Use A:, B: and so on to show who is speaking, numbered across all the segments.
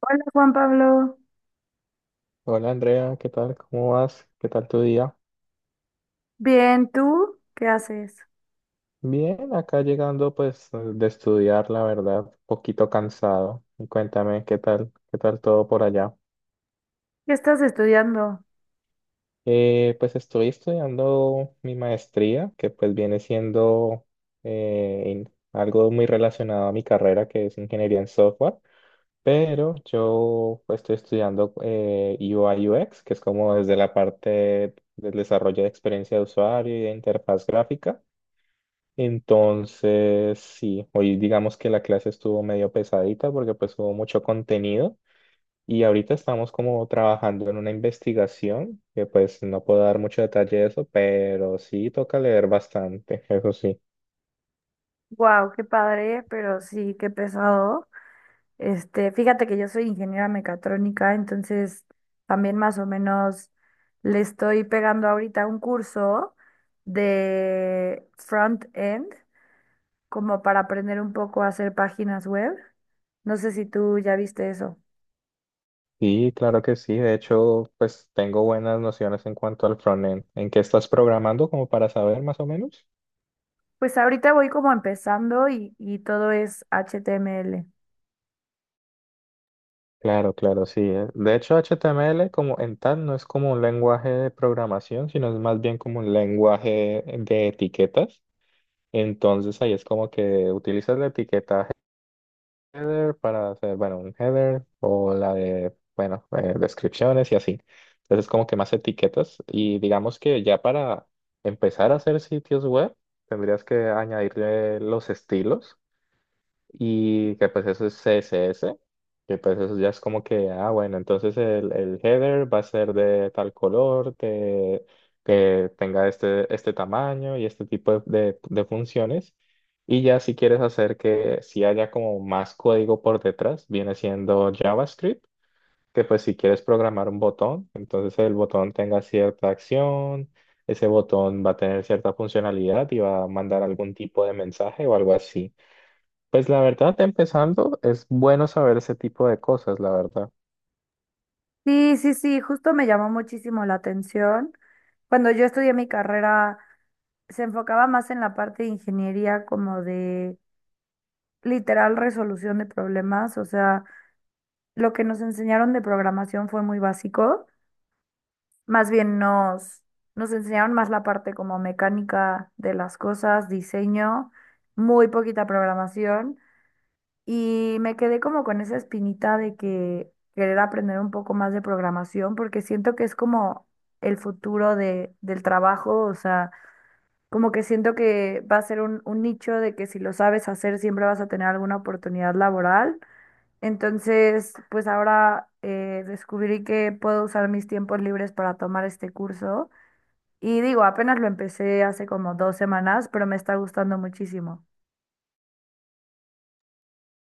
A: Hola Juan Pablo,
B: Hola Andrea, ¿qué tal? ¿Cómo vas? ¿Qué tal tu día?
A: bien, ¿tú qué haces?
B: Bien, acá llegando pues de estudiar, la verdad, un poquito cansado. Y cuéntame, ¿qué tal? ¿Qué tal todo por allá?
A: ¿Qué estás estudiando?
B: Pues estoy estudiando mi maestría, que pues viene siendo algo muy relacionado a mi carrera, que es ingeniería en software, pero yo pues, estoy estudiando UI UX, que es como desde la parte del desarrollo de experiencia de usuario y de interfaz gráfica. Entonces, sí, hoy digamos que la clase estuvo medio pesadita porque pues hubo mucho contenido y ahorita estamos como trabajando en una investigación que pues no puedo dar mucho detalle de eso, pero sí toca leer bastante, eso sí.
A: Wow, qué padre, pero sí, qué pesado. Este, fíjate que yo soy ingeniera mecatrónica, entonces también más o menos le estoy pegando ahorita un curso de front-end, como para aprender un poco a hacer páginas web. No sé si tú ya viste eso.
B: Sí, claro que sí, de hecho pues tengo buenas nociones en cuanto al frontend. ¿En qué estás programando como para saber más o menos?
A: Pues ahorita voy como empezando y todo es HTML.
B: Claro, claro, sí. De hecho, HTML como en tal no es como un lenguaje de programación, sino es más bien como un lenguaje de etiquetas. Entonces ahí es como que utilizas la etiqueta header para hacer, bueno, un header o la de, bueno, descripciones y así. Entonces es como que más etiquetas. Y digamos que ya para empezar a hacer sitios web, tendrías que añadirle los estilos y que pues eso es CSS, que pues eso ya es como que, ah, bueno, entonces el header va a ser de tal color, que tenga este tamaño y este tipo de funciones. Y ya si quieres hacer que si haya como más código por detrás, viene siendo JavaScript, que pues si quieres programar un botón, entonces el botón tenga cierta acción, ese botón va a tener cierta funcionalidad y va a mandar algún tipo de mensaje o algo así. Pues la verdad, empezando, es bueno saber ese tipo de cosas, la verdad.
A: Sí, sí, sí, justo me llamó muchísimo la atención. Cuando yo estudié mi carrera, se enfocaba más en la parte de ingeniería como de literal resolución de problemas, o sea, lo que nos enseñaron de programación fue muy básico, más bien nos enseñaron más la parte como mecánica de las cosas, diseño, muy poquita programación. Y me quedé como con esa espinita de que querer aprender un poco más de programación, porque siento que es como el futuro del trabajo, o sea, como que siento que va a ser un nicho de que si lo sabes hacer siempre vas a tener alguna oportunidad laboral. Entonces, pues ahora descubrí que puedo usar mis tiempos libres para tomar este curso. Y digo, apenas lo empecé hace como 2 semanas, pero me está gustando muchísimo.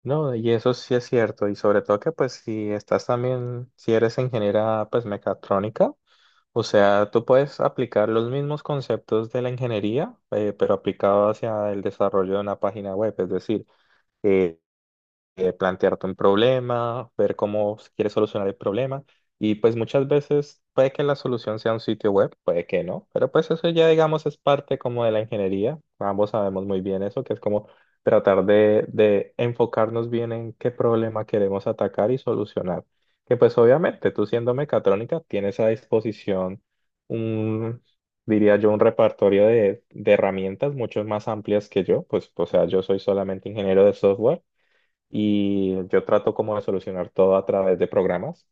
B: No, y eso sí es cierto, y sobre todo que pues si estás también, si eres ingeniera pues mecatrónica, o sea, tú puedes aplicar los mismos conceptos de la ingeniería, pero aplicado hacia el desarrollo de una página web, es decir, plantearte un problema, ver cómo quieres solucionar el problema. Y pues muchas veces puede que la solución sea un sitio web, puede que no, pero pues eso ya digamos es parte como de la ingeniería. Ambos sabemos muy bien eso, que es como tratar de enfocarnos bien en qué problema queremos atacar y solucionar. Que pues obviamente tú siendo mecatrónica tienes a disposición un, diría yo, un repertorio de herramientas mucho más amplias que yo, pues o sea, yo soy solamente ingeniero de software. Y yo trato como de solucionar todo a través de programas,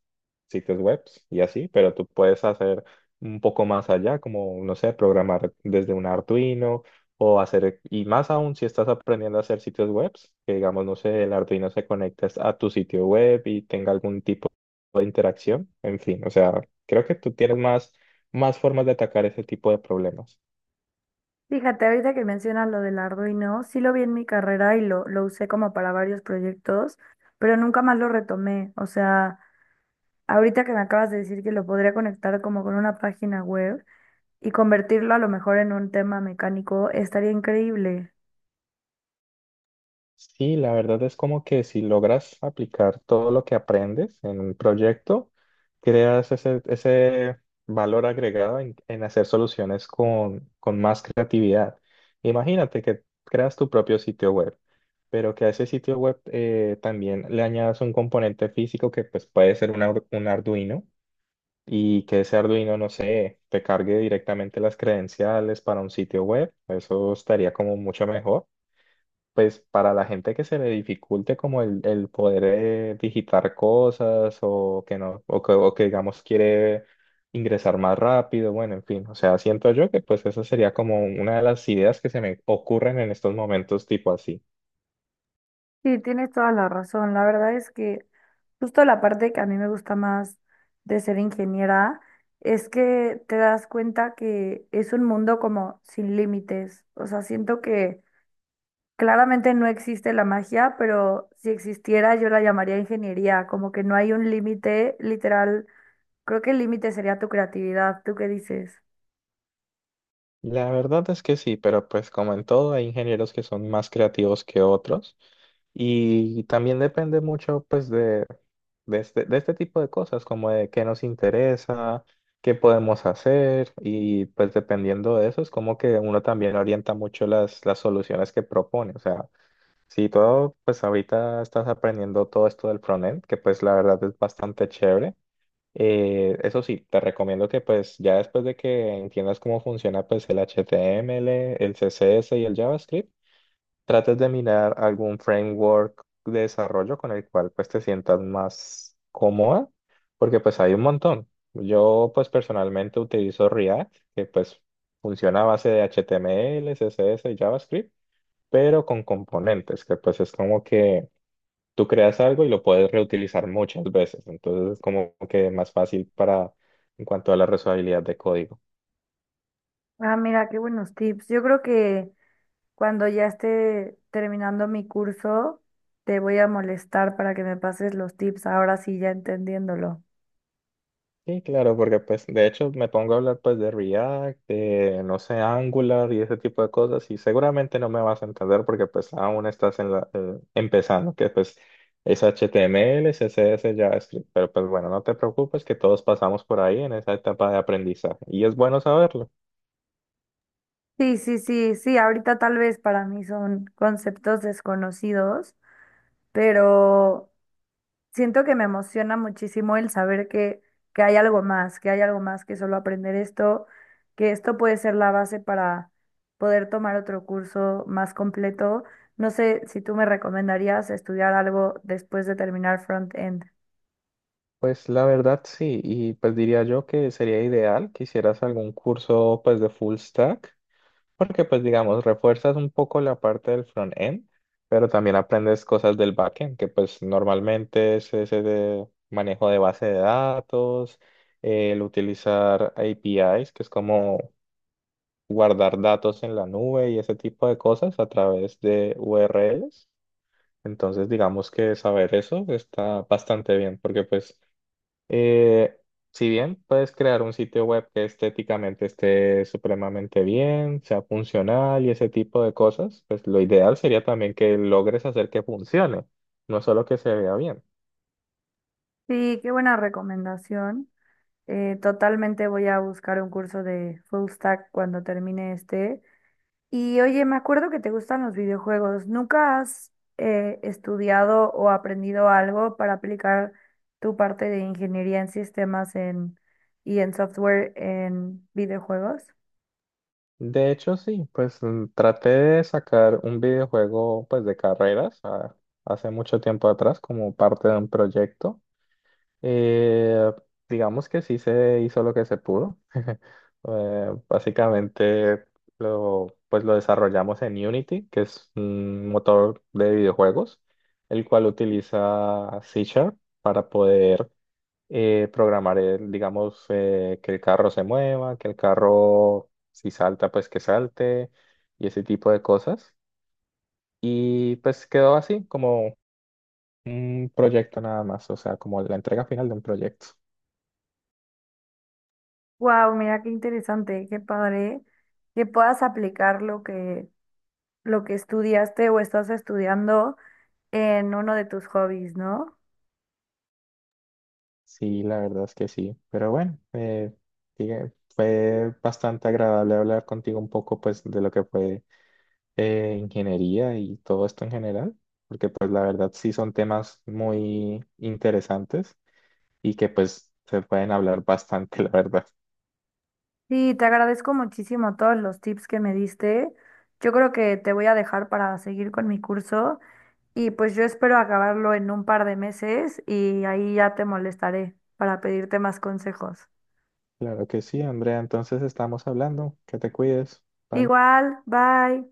B: sitios web y así, pero tú puedes hacer un poco más allá, como, no sé, programar desde un Arduino o hacer, y más aún si estás aprendiendo a hacer sitios web, que digamos, no sé, el Arduino se conecte a tu sitio web y tenga algún tipo de interacción, en fin, o sea, creo que tú tienes más, más formas de atacar ese tipo de problemas.
A: Fíjate, ahorita que mencionas lo del Arduino, sí lo vi en mi carrera y lo usé como para varios proyectos, pero nunca más lo retomé. O sea, ahorita que me acabas de decir que lo podría conectar como con una página web y convertirlo a lo mejor en un tema mecánico, estaría increíble.
B: Sí, la verdad es como que si logras aplicar todo lo que aprendes en un proyecto, creas ese valor agregado en hacer soluciones con más creatividad. Imagínate que creas tu propio sitio web, pero que a ese sitio web también le añadas un componente físico que pues, puede ser un, un Arduino y que ese Arduino, no sé, te cargue directamente las credenciales para un sitio web. Eso estaría como mucho mejor pues para la gente que se le dificulte como el poder digitar cosas o que no, o que digamos quiere ingresar más rápido, bueno, en fin, o sea, siento yo que pues esa sería como una de las ideas que se me ocurren en estos momentos tipo así.
A: Sí, tienes toda la razón. La verdad es que justo la parte que a mí me gusta más de ser ingeniera es que te das cuenta que es un mundo como sin límites. O sea, siento que... Claramente no existe la magia, pero si existiera yo la llamaría ingeniería, como que no hay un límite literal. Creo que el límite sería tu creatividad. ¿Tú qué dices?
B: La verdad es que sí, pero pues como en todo hay ingenieros que son más creativos que otros y también depende mucho pues de, de este tipo de cosas, como de qué nos interesa, qué podemos hacer y pues dependiendo de eso es como que uno también orienta mucho las soluciones que propone. O sea, si todo pues ahorita estás aprendiendo todo esto del frontend, que pues la verdad es bastante chévere. Eso sí, te recomiendo que pues ya después de que entiendas cómo funciona pues el HTML, el CSS y el JavaScript, trates de mirar algún framework de desarrollo con el cual pues te sientas más cómoda, porque pues hay un montón. Yo pues personalmente utilizo React, que pues funciona a base de HTML, CSS y JavaScript, pero con componentes, que pues es como que tú creas algo y lo puedes reutilizar muchas veces, entonces es como que más fácil para en cuanto a la reusabilidad de código.
A: Ah, mira, qué buenos tips. Yo creo que cuando ya esté terminando mi curso, te voy a molestar para que me pases los tips, ahora sí ya entendiéndolo.
B: Sí, claro, porque pues de hecho me pongo a hablar pues de React, de no sé, Angular y ese tipo de cosas y seguramente no me vas a entender porque pues aún estás en la, empezando, que pues es HTML, CSS, JavaScript, pero pues bueno, no te preocupes que todos pasamos por ahí en esa etapa de aprendizaje y es bueno saberlo.
A: Sí, sí, sí, sí, ahorita tal vez para mí son conceptos desconocidos, pero... Siento que me emociona muchísimo el saber que hay algo más, que hay algo más que solo aprender esto, que esto puede ser la base para poder tomar otro curso más completo. No sé si tú me recomendarías estudiar algo después de terminar front-end.
B: Pues la verdad sí, y pues diría yo que sería ideal que hicieras algún curso pues de full stack, porque pues digamos, refuerzas un poco la parte del front end, pero también aprendes cosas del backend, que pues normalmente es ese de manejo de base de datos, el utilizar APIs, que es como guardar datos en la nube y ese tipo de cosas a través de URLs. Entonces digamos que saber eso está bastante bien, porque pues eh, si bien puedes crear un sitio web que estéticamente esté supremamente bien, sea funcional y ese tipo de cosas, pues lo ideal sería también que logres hacer que funcione, no solo que se vea bien.
A: Sí, qué buena recomendación. Totalmente voy a buscar un curso de full stack cuando termine este. Y oye, me acuerdo que te gustan los videojuegos. ¿Nunca has estudiado o aprendido algo para aplicar tu parte de ingeniería en sistemas y en software en videojuegos?
B: De hecho, sí, pues traté de sacar un videojuego pues de carreras hace mucho tiempo atrás como parte de un proyecto. Eh, digamos que sí se hizo lo que se pudo. Básicamente lo, pues lo desarrollamos en Unity, que es un motor de videojuegos, el cual utiliza C Sharp para poder programar, el, digamos, que el carro se mueva, que el carro si salta, pues que salte y ese tipo de cosas. Y pues quedó así como un proyecto nada más, o sea, como la entrega final de un proyecto.
A: Wow, mira qué interesante, qué padre que puedas aplicar lo que estudiaste o estás estudiando en uno de tus hobbies, ¿no?
B: Sí, la verdad es que sí. Pero bueno, fue bastante agradable hablar contigo un poco pues de lo que fue ingeniería y todo esto en general, porque pues la verdad sí son temas muy interesantes y que pues se pueden hablar bastante, la verdad.
A: Sí, te agradezco muchísimo todos los tips que me diste. Yo creo que te voy a dejar para seguir con mi curso. Y pues yo espero acabarlo en un par de meses y ahí ya te molestaré para pedirte más consejos.
B: Claro que sí, Andrea. Entonces estamos hablando. Que te cuides. Bye.
A: Igual, bye.